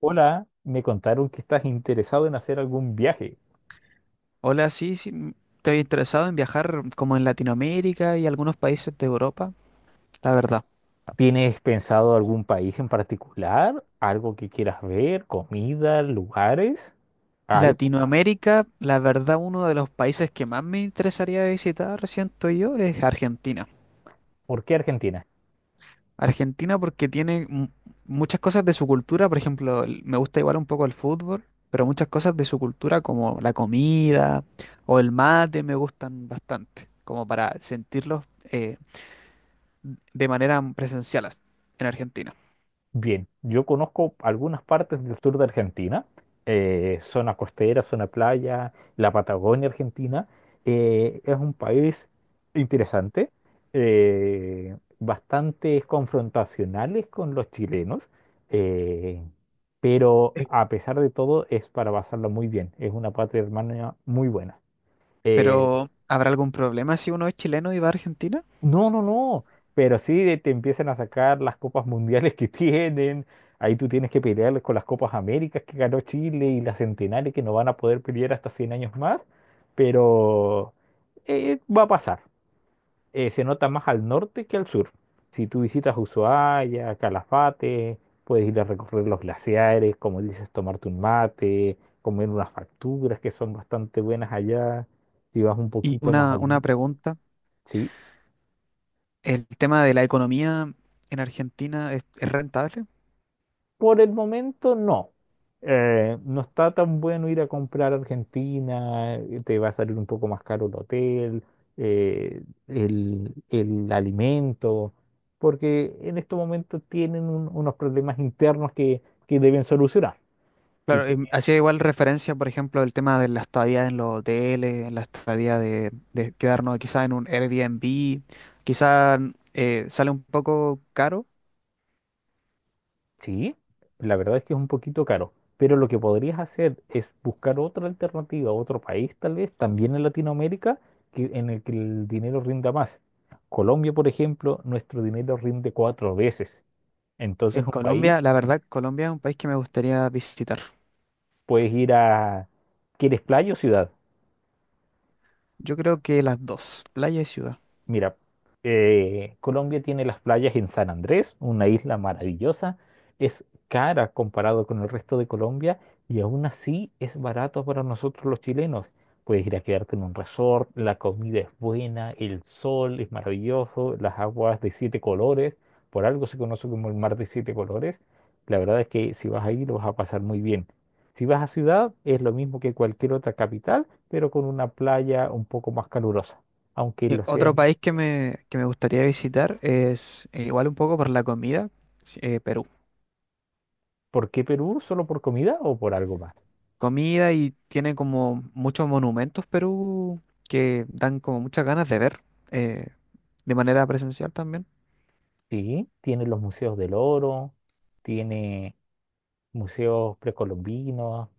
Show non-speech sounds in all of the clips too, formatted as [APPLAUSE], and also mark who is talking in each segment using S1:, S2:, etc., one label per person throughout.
S1: Hola, me contaron que estás interesado en hacer algún viaje.
S2: Hola, sí, sí, estoy interesado en viajar como en Latinoamérica y algunos países de Europa, la verdad.
S1: ¿Tienes pensado algún país en particular? ¿Algo que quieras ver? ¿Comida? ¿Lugares? ¿Algo?
S2: Latinoamérica, la verdad, uno de los países que más me interesaría visitar, siento yo, es Argentina.
S1: ¿Por qué Argentina?
S2: Argentina porque tiene muchas cosas de su cultura, por ejemplo, me gusta igual un poco el fútbol, pero muchas cosas de su cultura como la comida o el mate me gustan bastante, como para sentirlos eh, de manera presencial en Argentina.
S1: Bien, yo conozco algunas partes del sur de Argentina, zona costera, zona playa, la Patagonia Argentina. Es un país interesante, bastante confrontacionales con los chilenos, eh, pero a pesar de todo es para pasarlo muy bien. Es una patria hermana muy buena. Eh,
S2: Pero, ¿habrá algún problema si uno es chileno y va a Argentina?
S1: No, no, no. Pero sí te empiezan a sacar las copas mundiales que [LAUGHS] tienen. Ahí tú tienes que pelear con las copas Américas que ganó Chile y las centenares que no van a poder pelear hasta 100 años más. Pero va a pasar. Se nota más al norte que al sur. Si tú visitas Ushuaia, Calafate, puedes ir a recorrer los glaciares, como dices, tomarte un mate, comer unas facturas que son bastante buenas allá. Si vas un
S2: Y
S1: poquito más
S2: una, una
S1: allí,
S2: pregunta,
S1: sí.
S2: ¿el tema de la economía en Argentina es rentable?
S1: Por el momento no. No está tan bueno ir a comprar a Argentina, te va a salir un poco más caro el hotel, eh, el alimento, porque en estos momentos tienen unos problemas internos que deben solucionar. Si
S2: Claro,
S1: tú
S2: hacía igual referencia, por ejemplo, al tema de la estadía en los hoteles, la estadía de quedarnos quizás en un Airbnb, quizás sale un poco caro.
S1: sí, la verdad es que es un poquito caro, pero lo que podrías hacer es buscar otra alternativa, otro país tal vez, también en Latinoamérica, que, en el que el dinero rinda más. Colombia, por ejemplo, nuestro dinero rinde cuatro veces. Entonces,
S2: En
S1: un
S2: Colombia,
S1: país,
S2: la verdad, Colombia es un país que me gustaría visitar.
S1: puedes ir a... ¿Quieres playa o ciudad?
S2: Yo creo que las dos, playa y ciudad.
S1: Mira, Colombia tiene las playas en San Andrés, una isla maravillosa. Es cara comparado con el resto de Colombia y aún así es barato para nosotros los chilenos. Puedes ir a quedarte en un resort, la comida es buena, el sol es maravilloso, las aguas de siete colores, por algo se conoce como el mar de siete colores. La verdad es que si vas ahí lo vas a pasar muy bien. Si vas a ciudad es lo mismo que cualquier otra capital, pero con una playa un poco más calurosa aunque
S2: Y
S1: el
S2: otro
S1: océano
S2: país que me gustaría visitar es igual un poco por la comida, sí, Perú.
S1: ¿Por qué Perú? ¿Solo por comida o por algo más?
S2: Comida y tiene como muchos monumentos Perú que dan como muchas ganas de ver eh, de manera presencial también.
S1: Sí, tiene los museos del oro, tiene museos precolombinos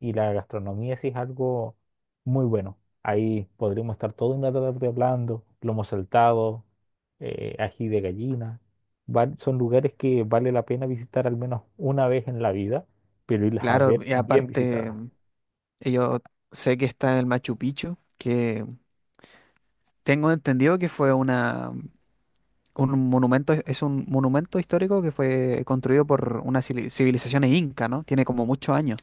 S1: y la gastronomía sí es algo muy bueno. Ahí podríamos estar toda una tarde hablando, lomo saltado, ají de gallina. Son lugares que vale la pena visitar al menos una vez en la vida, pero irlas a
S2: Claro,
S1: ver
S2: y
S1: bien
S2: aparte
S1: visitadas.
S2: yo sé que está el Machu Picchu, que tengo entendido que un monumento, es un monumento histórico que fue construido por unas civilizaciones inca, ¿no? Tiene como muchos años,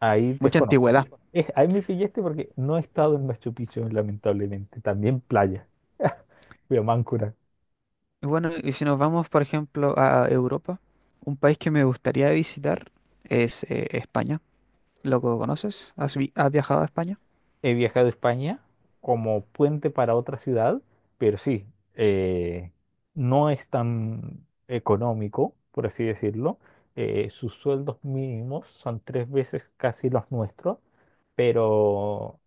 S1: Ahí
S2: mucha
S1: desconozco.
S2: antigüedad.
S1: Es, ahí me pillaste porque no he estado en Machu Picchu, lamentablemente. También playa. [LAUGHS] Fui a Máncora.
S2: Y bueno, y si nos vamos, por ejemplo, a Europa, un país que me gustaría visitar es España. ¿Lo conoces? ¿Has, has viajado a España?
S1: He viajado a España como puente para otra ciudad, pero sí, eh, no es tan económico, por así decirlo. Sus sueldos mínimos son tres veces casi los nuestros, pero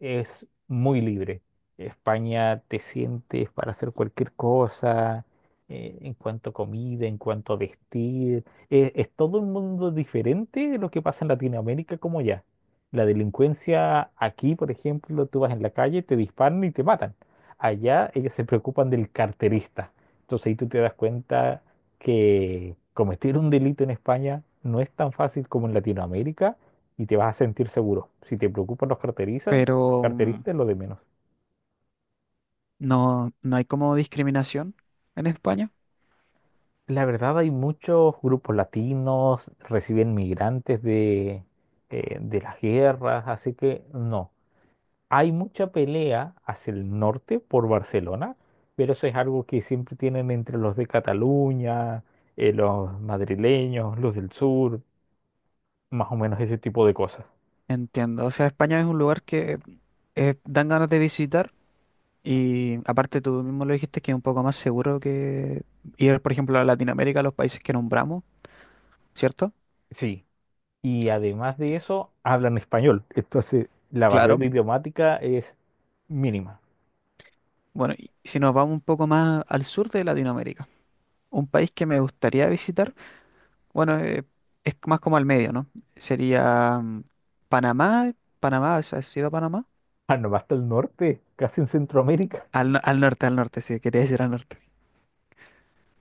S1: es muy libre. España te sientes para hacer cualquier cosa, en cuanto a comida, en cuanto a vestir. Es todo un mundo diferente de lo que pasa en Latinoamérica como ya. La delincuencia aquí, por ejemplo, tú vas en la calle, te disparan y te matan. Allá ellos se preocupan del carterista. Entonces ahí tú te das cuenta que cometer un delito en España no es tan fácil como en Latinoamérica y te vas a sentir seguro. Si te preocupan los carteristas,
S2: Pero
S1: carteristas es lo de menos.
S2: no, no hay como discriminación en España.
S1: La verdad hay muchos grupos latinos, reciben migrantes de las guerras, así que no. Hay mucha pelea hacia el norte por Barcelona, pero eso es algo que siempre tienen entre los de Cataluña, los madrileños, los del sur, más o menos ese tipo de cosas.
S2: Entiendo. O sea, España es un lugar que dan ganas de visitar y aparte tú mismo lo dijiste que es un poco más seguro que ir, por ejemplo, a Latinoamérica, a los países que nombramos, ¿cierto?
S1: Sí. Y además de eso, hablan español. Entonces, la barrera
S2: Claro.
S1: idiomática es mínima.
S2: Bueno, y si nos vamos un poco más al sur de Latinoamérica, un país que me gustaría visitar. Bueno, es más como al medio, ¿no? Sería Panamá, Panamá, ¿has ido a Panamá?
S1: Panamá hasta el norte, casi en Centroamérica.
S2: Al, al norte, sí, quería decir al norte.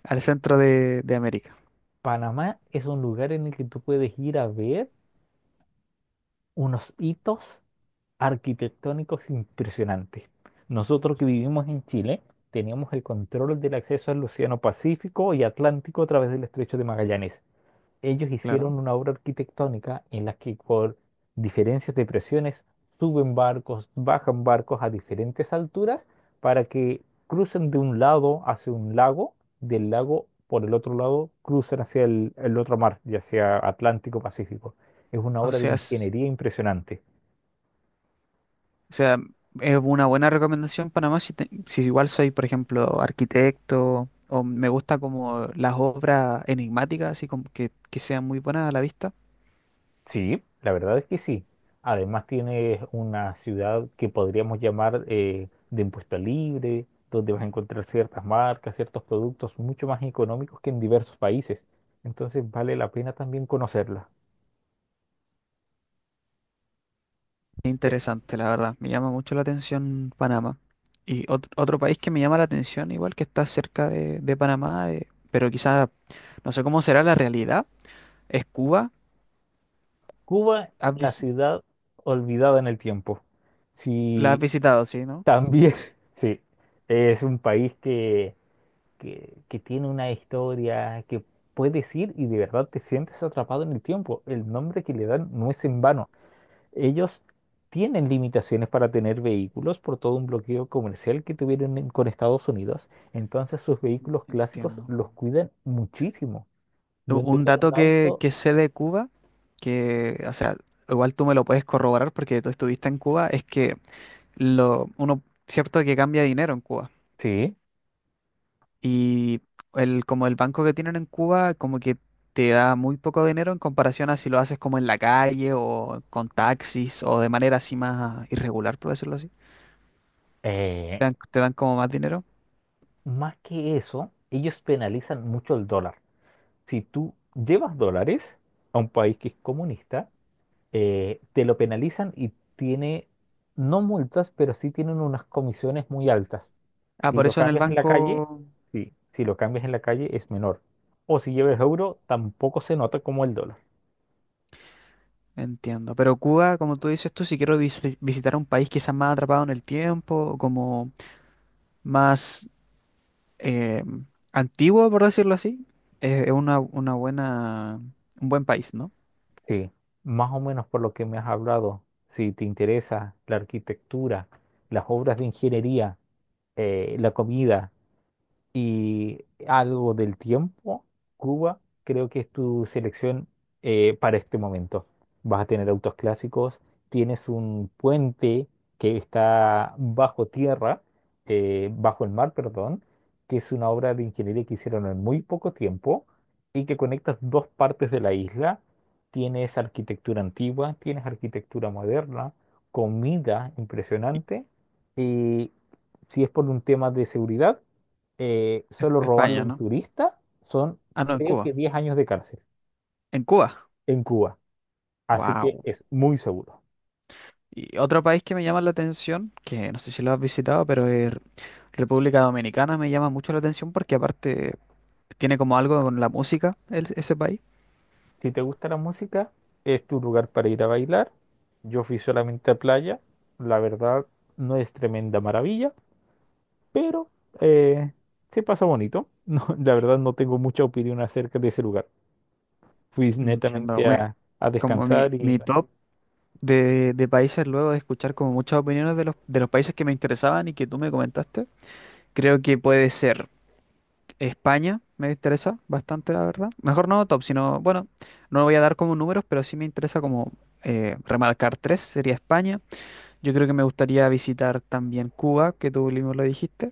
S2: Al centro de América,
S1: Panamá es un lugar en el que tú puedes ir a ver unos hitos arquitectónicos impresionantes. Nosotros que vivimos en Chile teníamos el control del acceso al Océano Pacífico y Atlántico a través del Estrecho de Magallanes. Ellos
S2: claro.
S1: hicieron una obra arquitectónica en la que por diferencias de presiones suben barcos, bajan barcos a diferentes alturas para que crucen de un lado hacia un lago, del lago por el otro lado cruzan hacia el otro mar, ya sea Atlántico Pacífico. Es una
S2: O
S1: obra de
S2: sea, es,
S1: ingeniería impresionante.
S2: o sea, es una buena recomendación Panamá si, si igual soy, por ejemplo, arquitecto o me gusta como las obras enigmáticas, así como que sean muy buenas a la vista.
S1: Sí, la verdad es que sí. Además tienes una ciudad que podríamos llamar de impuesto libre, donde vas a encontrar ciertas marcas, ciertos productos mucho más económicos que en diversos países. Entonces vale la pena también conocerla. De
S2: Interesante, la verdad. Me llama mucho la atención Panamá. Y otro país que me llama la atención, igual que está cerca de Panamá, pero quizás no sé cómo será la realidad, es Cuba.
S1: Cuba,
S2: Has
S1: la
S2: vis-
S1: ciudad olvidada en el tiempo.
S2: ¿La has
S1: Sí,
S2: visitado, sí, no?
S1: también, [LAUGHS] sí, es un país que tiene una historia que puedes ir y de verdad te sientes atrapado en el tiempo. El nombre que le dan no es en vano. Ellos tienen limitaciones para tener vehículos por todo un bloqueo comercial que tuvieron con Estados Unidos. Entonces sus vehículos clásicos
S2: Entiendo.
S1: los cuidan muchísimo. Yo
S2: U- Un
S1: anduve en un
S2: dato
S1: auto.
S2: que sé de Cuba, que, o sea, igual tú me lo puedes corroborar porque tú estuviste en Cuba, es que lo, uno, cierto que cambia dinero en Cuba.
S1: Sí.
S2: Y el, como el banco que tienen en Cuba, como que te da muy poco dinero en comparación a si lo haces como en la calle o con taxis o de manera así más irregular, por decirlo así.
S1: eh,
S2: Te dan como más dinero.
S1: Más que eso, ellos penalizan mucho el dólar. Si tú llevas dólares a un país que es comunista, te lo penalizan y tiene, no multas, pero sí tienen unas comisiones muy altas.
S2: Ah,
S1: Si
S2: por
S1: lo
S2: eso en el
S1: cambias en la calle,
S2: banco
S1: sí, si lo cambias en la calle es menor. O si lleves euro, tampoco se nota como el dólar.
S2: entiendo. Pero Cuba, como tú dices tú, si quiero visi- visitar un país quizás más atrapado en el tiempo, o como más eh, antiguo, por decirlo así, es una buena, un buen país, ¿no?
S1: Sí, más o menos por lo que me has hablado, si te interesa la arquitectura, las obras de ingeniería, la comida, y algo del tiempo, Cuba, creo que es tu selección para este momento. Vas a tener autos clásicos, tienes un puente que está bajo tierra, bajo el mar, perdón, que es una obra de ingeniería que hicieron en muy poco tiempo y que conectas dos partes de la isla. Tienes arquitectura antigua, tienes arquitectura moderna, comida impresionante y si es por un tema de seguridad, solo robarle a
S2: España,
S1: un
S2: ¿no?
S1: turista son,
S2: Ah, no, en
S1: creo
S2: Cuba.
S1: que 10 años de cárcel
S2: En Cuba.
S1: en Cuba. Así que
S2: Wow.
S1: es muy seguro.
S2: Y otro país que me llama la atención, que no sé si lo has visitado, pero es República Dominicana me llama mucho la atención porque aparte tiene como algo con la música el- ese país.
S1: Si te gusta la música, es tu lugar para ir a bailar. Yo fui solamente a playa. La verdad, no es tremenda maravilla, pero eh, se pasa bonito. [LAUGHS] No, la verdad, no tengo mucha opinión acerca de ese lugar. Fui
S2: Entiendo.
S1: netamente a
S2: Como mi,
S1: descansar
S2: mi
S1: y
S2: top de países luego de escuchar como muchas opiniones de los países que me interesaban y que tú me comentaste, creo que puede ser España, me interesa bastante, la verdad. Mejor no top, sino, bueno, no voy a dar como números, pero sí me interesa como remarcar tres, sería España. Yo creo que me gustaría visitar también Cuba, que tú mismo lo dijiste.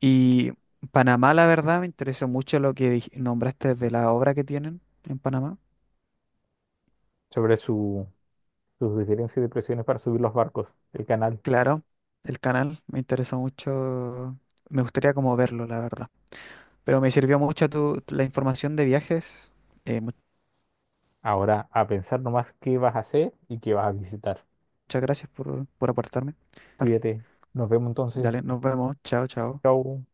S2: Y Panamá, la verdad, me interesó mucho lo que nombraste de la obra que tienen en Panamá.
S1: sobre su, sus diferencias de presiones para subir los barcos, el canal.
S2: Claro, el canal me interesó mucho. Me gustaría como verlo, la verdad. Pero me sirvió mucho tu, la información de viajes. Muchas
S1: Ahora a pensar nomás qué vas a hacer y qué vas a visitar.
S2: gracias por aportarme.
S1: Cuídate. Nos vemos entonces.
S2: Dale, nos vemos. Chao, chao.
S1: Chau.